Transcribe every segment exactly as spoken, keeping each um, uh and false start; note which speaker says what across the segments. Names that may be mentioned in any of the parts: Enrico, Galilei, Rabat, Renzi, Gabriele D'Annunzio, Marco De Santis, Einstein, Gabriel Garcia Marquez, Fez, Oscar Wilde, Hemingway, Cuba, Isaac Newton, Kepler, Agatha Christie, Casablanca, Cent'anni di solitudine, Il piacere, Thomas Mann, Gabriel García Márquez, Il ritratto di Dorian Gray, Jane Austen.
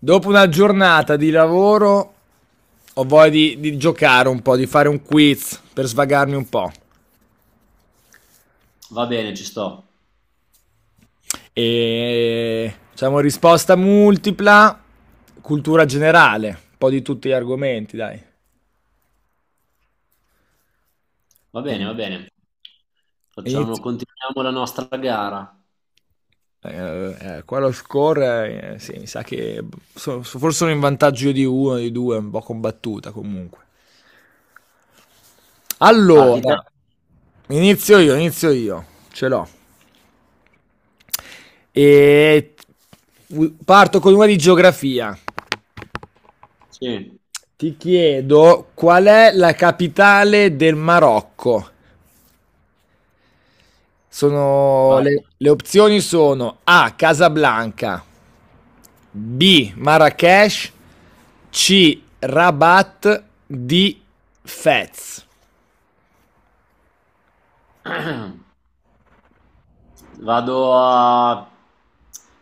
Speaker 1: Dopo una giornata di lavoro ho voglia di, di giocare un po', di fare un quiz per svagarmi un po'.
Speaker 2: Va bene, ci sto.
Speaker 1: E diciamo risposta multipla, cultura generale, un po' di tutti gli argomenti, dai.
Speaker 2: Va bene,
Speaker 1: E-
Speaker 2: va bene.
Speaker 1: e
Speaker 2: Facciamo,
Speaker 1: inizio-
Speaker 2: continuiamo la nostra gara.
Speaker 1: eh, eh, Qua lo score, eh, sì, mi sa che so- so- forse sono in vantaggio io di uno, di due, un po' combattuta comunque.
Speaker 2: Parti te?
Speaker 1: Allora, inizio io, inizio io, ce l'ho. E parto con una di geografia.
Speaker 2: Sì,
Speaker 1: Ti chiedo qual è la capitale del Marocco? Sono
Speaker 2: vai.
Speaker 1: le, le opzioni sono A. Casablanca, B. Marrakesh, C. Rabat, D. Fez.
Speaker 2: Vado a...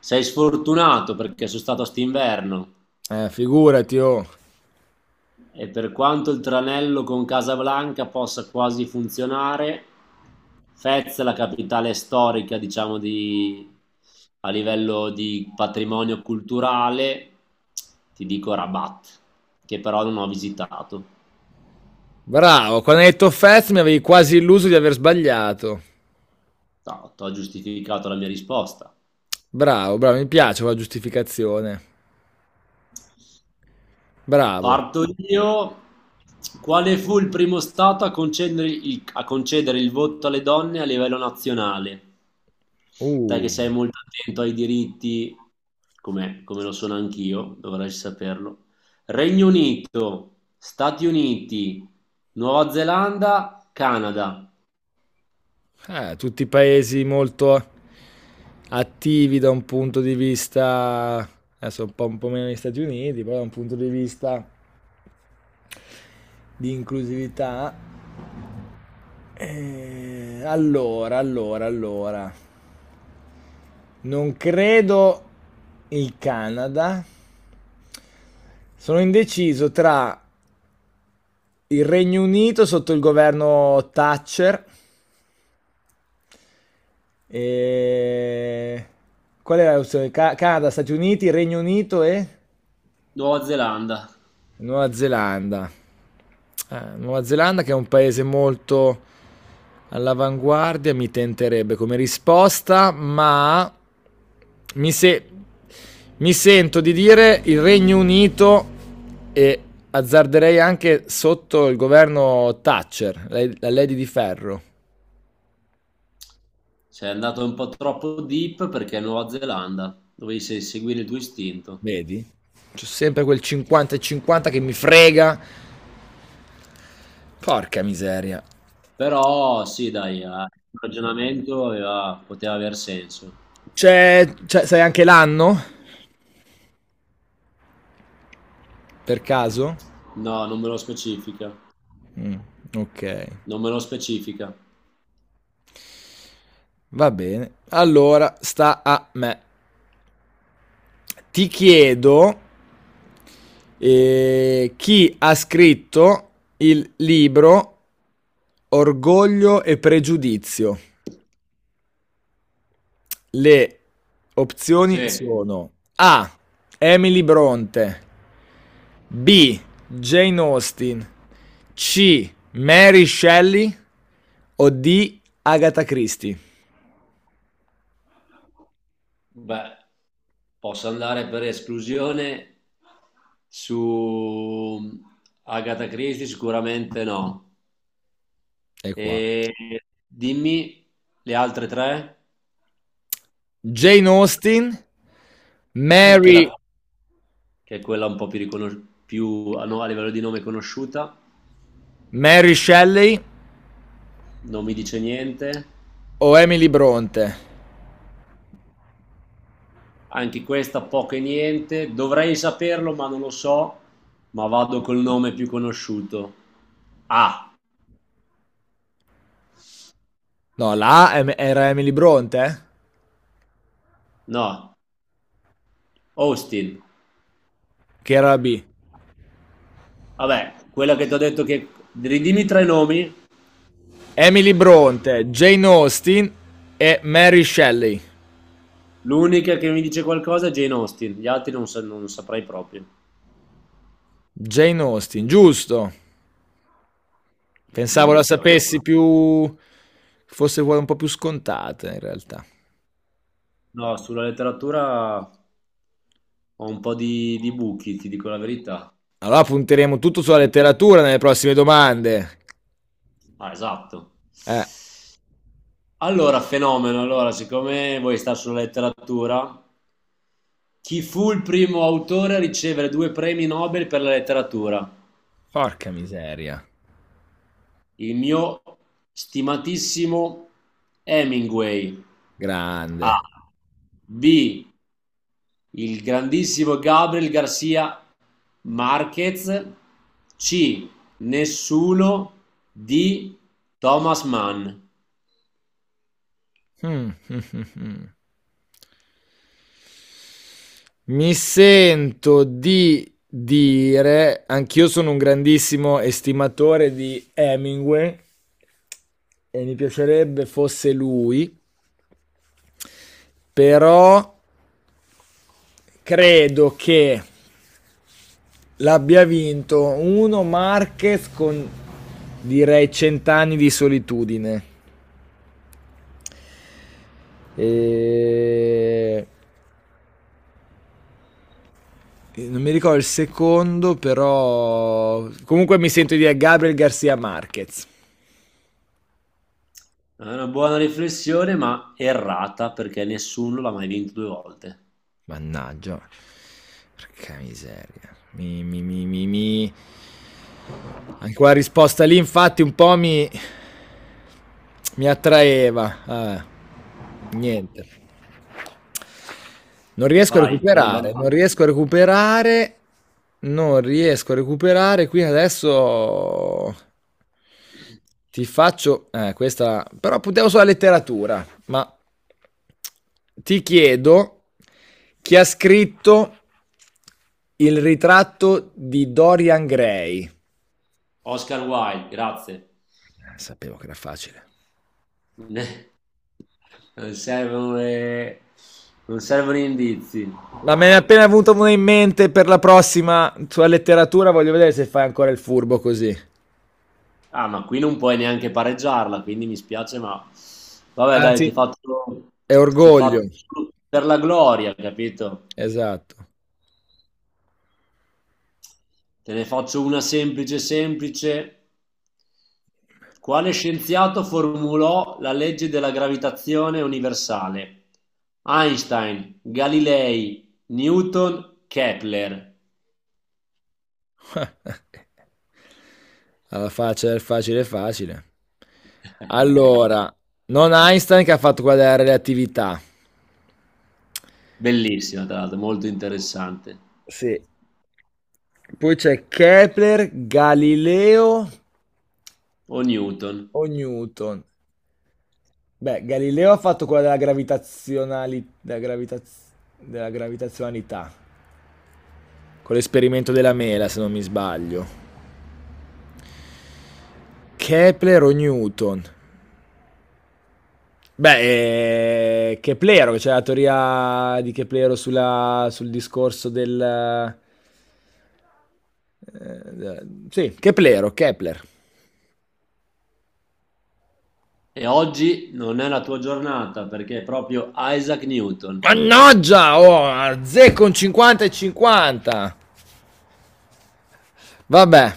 Speaker 2: Sei sfortunato perché sono stato st'inverno
Speaker 1: Eh, figurati, oh.
Speaker 2: e per quanto il tranello con Casablanca possa quasi funzionare, Fez, la capitale storica, diciamo, di... a livello di patrimonio culturale, ti dico Rabat, che però non ho visitato.
Speaker 1: Bravo, quando hai detto Fez mi avevi quasi illuso di aver sbagliato.
Speaker 2: No, ti ho giustificato la mia risposta.
Speaker 1: Bravo, bravo, mi piace quella giustificazione. Bravo.
Speaker 2: Parto io. Quale fu il primo stato a concedere il, a concedere il voto alle donne a livello nazionale? Te che sei
Speaker 1: Uh.
Speaker 2: molto attento ai diritti, come, come lo sono anch'io, dovrai saperlo. Regno Unito, Stati Uniti, Nuova Zelanda, Canada.
Speaker 1: Eh, tutti paesi molto attivi da un punto di vista, adesso un po', un po' meno gli Stati Uniti, però da un punto di vista di inclusività. Eh, allora, allora, allora, non credo il Canada. Sono indeciso tra il Regno Unito sotto il governo Thatcher e... Qual era l'opzione? Ca- Canada, Stati Uniti, Regno Unito e...
Speaker 2: Nuova Zelanda.
Speaker 1: Nuova Zelanda. Eh, Nuova Zelanda che è un paese molto all'avanguardia, mi tenterebbe come risposta, ma mi, se- mi sento di dire il Regno Unito e azzarderei anche sotto il governo Thatcher, la, la Lady di Ferro.
Speaker 2: Sei andato un po' troppo deep perché è Nuova Zelanda. Dovevi se- seguire il tuo istinto.
Speaker 1: Vedi? C'è sempre quel cinquanta e cinquanta che mi frega. Porca miseria.
Speaker 2: Però sì, dai, eh, il ragionamento aveva- poteva aver senso.
Speaker 1: C'è, c'è- sai anche l'anno? Per caso?
Speaker 2: No, non me lo specifica.
Speaker 1: Mm, ok,
Speaker 2: Non me lo specifica.
Speaker 1: va bene. Allora sta a me. Ti chiedo eh, chi ha scritto il libro Orgoglio e Pregiudizio. Le
Speaker 2: Sì,
Speaker 1: opzioni sono A. Emily Bronte, B. Jane Austen, C. Mary Shelley o D. Agatha Christie.
Speaker 2: beh, posso andare per esclusione su mm, Agatha Christie? Sicuramente no.
Speaker 1: E qua.
Speaker 2: E dimmi le altre tre,
Speaker 1: Jane Austen,
Speaker 2: eh, che, la-
Speaker 1: Mary
Speaker 2: che è quella un po' più, riconos- più- ah, no, a livello di nome conosciuta,
Speaker 1: Mary Shelley
Speaker 2: non mi dice niente.
Speaker 1: o Emily Bronte?
Speaker 2: Anche questa poco e niente. Dovrei saperlo, ma non lo so. Ma vado col nome più conosciuto. Ah,
Speaker 1: No, la A em- era Emily Bronte? Eh?
Speaker 2: no, Austin.
Speaker 1: Che era la B?
Speaker 2: Vabbè, quella che ti ho detto che... Ridimmi tre nomi.
Speaker 1: Emily Bronte, Jane Austen e Mary Shelley.
Speaker 2: L'unica che mi dice qualcosa è Jane Austen. Gli altri non, sa- non saprei proprio.
Speaker 1: Jane Austen, giusto. Pensavo la
Speaker 2: Deduzione.
Speaker 1: sapessi più... fosse quella un po' più scontata in realtà.
Speaker 2: No, sulla letteratura ho un po' di, di buchi, ti dico la verità.
Speaker 1: Allora punteremo tutto sulla
Speaker 2: Quindi-
Speaker 1: letteratura nelle prossime domande.
Speaker 2: Ah, esatto.
Speaker 1: Eh,
Speaker 2: Allora, fenomeno. Allora, siccome vuoi stare sulla letteratura, chi fu il primo autore a ricevere due premi Nobel per la letteratura?
Speaker 1: porca miseria.
Speaker 2: Il mio stimatissimo Hemingway. A.
Speaker 1: Grande.
Speaker 2: B. Il grandissimo Gabriel García Márquez. C. Nessuno di Thomas Mann.
Speaker 1: Hmm, hmm, hmm, hmm. Mi sento di dire, anch'io sono un grandissimo estimatore di Hemingway e mi piacerebbe fosse lui, però credo che l'abbia vinto uno Marquez con direi cent'anni di solitudine. E... Non mi ricordo il secondo, però comunque mi sento di dire Gabriel Garcia Marquez.
Speaker 2: È una buona riflessione, ma errata perché nessuno l'ha mai vinto due volte.
Speaker 1: Mannaggia. Porca miseria. Mi, mi, mi, mi, mi. Anche quella risposta lì, infatti, un po' mi, mi attraeva. Vabbè. Niente. Non riesco a
Speaker 2: Vai, sono in
Speaker 1: recuperare. Non
Speaker 2: vantaggio.
Speaker 1: riesco a recuperare. Non riesco a recuperare. Qui adesso ti faccio. Eh, questa. Però puntiamo sulla letteratura. Ma ti chiedo chi ha scritto il ritratto di Dorian Gray.
Speaker 2: Oscar Wilde, grazie.
Speaker 1: Eh, Sapevo che era facile.
Speaker 2: Non servono le- non servono gli indizi.
Speaker 1: Ma me ne è appena venuto uno in mente per la prossima sulla letteratura. Voglio vedere se fai ancora il furbo così.
Speaker 2: Ah, ma qui non puoi neanche pareggiarla, quindi mi spiace, ma vabbè,
Speaker 1: Ah,
Speaker 2: dai,
Speaker 1: sì.
Speaker 2: ti faccio,
Speaker 1: È
Speaker 2: ti faccio
Speaker 1: orgoglio.
Speaker 2: solo per la gloria, capito?
Speaker 1: Esatto.
Speaker 2: Te ne faccio una semplice, semplice. Quale scienziato formulò la legge della gravitazione universale? Einstein, Galilei, Newton, Kepler.
Speaker 1: Alla faccia del facile facile. Allora, non Einstein che ha fatto quella della relatività.
Speaker 2: Bellissima, tra l'altro, molto interessante.
Speaker 1: Sì. Poi c'è Kepler, Galileo
Speaker 2: O Newton.
Speaker 1: o Newton. Beh, Galileo ha fatto quella della gravitazionalità. Della, gravitaz- della gravitazionalità con l'esperimento della mela, se non mi sbaglio. Kepler o Newton? Beh, eh, Keplero, c'è cioè la teoria di Keplero sulla, sul discorso del... eh, eh, sì, Keplero, Kepler.
Speaker 2: E oggi non è la tua giornata perché è proprio Isaac Newton.
Speaker 1: Mannaggia, oh, azzecco un cinquanta e cinquanta. Vabbè,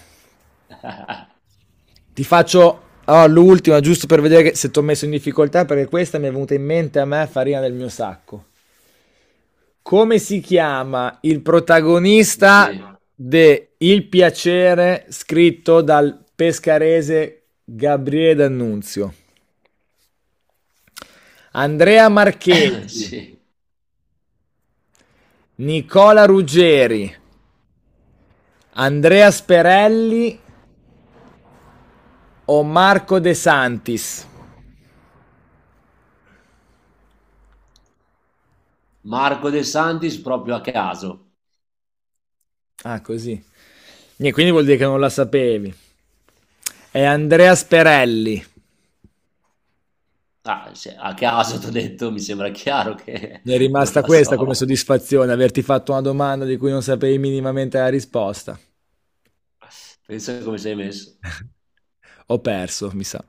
Speaker 1: ti faccio oh, l'ultima giusto per vedere che- se ti ho messo in difficoltà perché questa mi è venuta in mente a me farina del mio sacco. Come si chiama il protagonista
Speaker 2: Sì,
Speaker 1: de Il piacere scritto dal pescarese Gabriele D'Annunzio? Andrea Marchesi,
Speaker 2: sì.
Speaker 1: Nicola Ruggeri, Andrea Sperelli o Marco De Santis?
Speaker 2: Marco De Santis proprio a caso.
Speaker 1: Ah, così. Niente, quindi vuol dire che non la sapevi. È Andrea Sperelli.
Speaker 2: Ah, se- a caso ti ho detto, mi sembra chiaro che
Speaker 1: Mi è
Speaker 2: non
Speaker 1: rimasta
Speaker 2: la
Speaker 1: questa come
Speaker 2: so.
Speaker 1: soddisfazione, averti fatto una domanda di cui non sapevi minimamente la risposta.
Speaker 2: Pensa come sei messo.
Speaker 1: Ho perso, mi sa.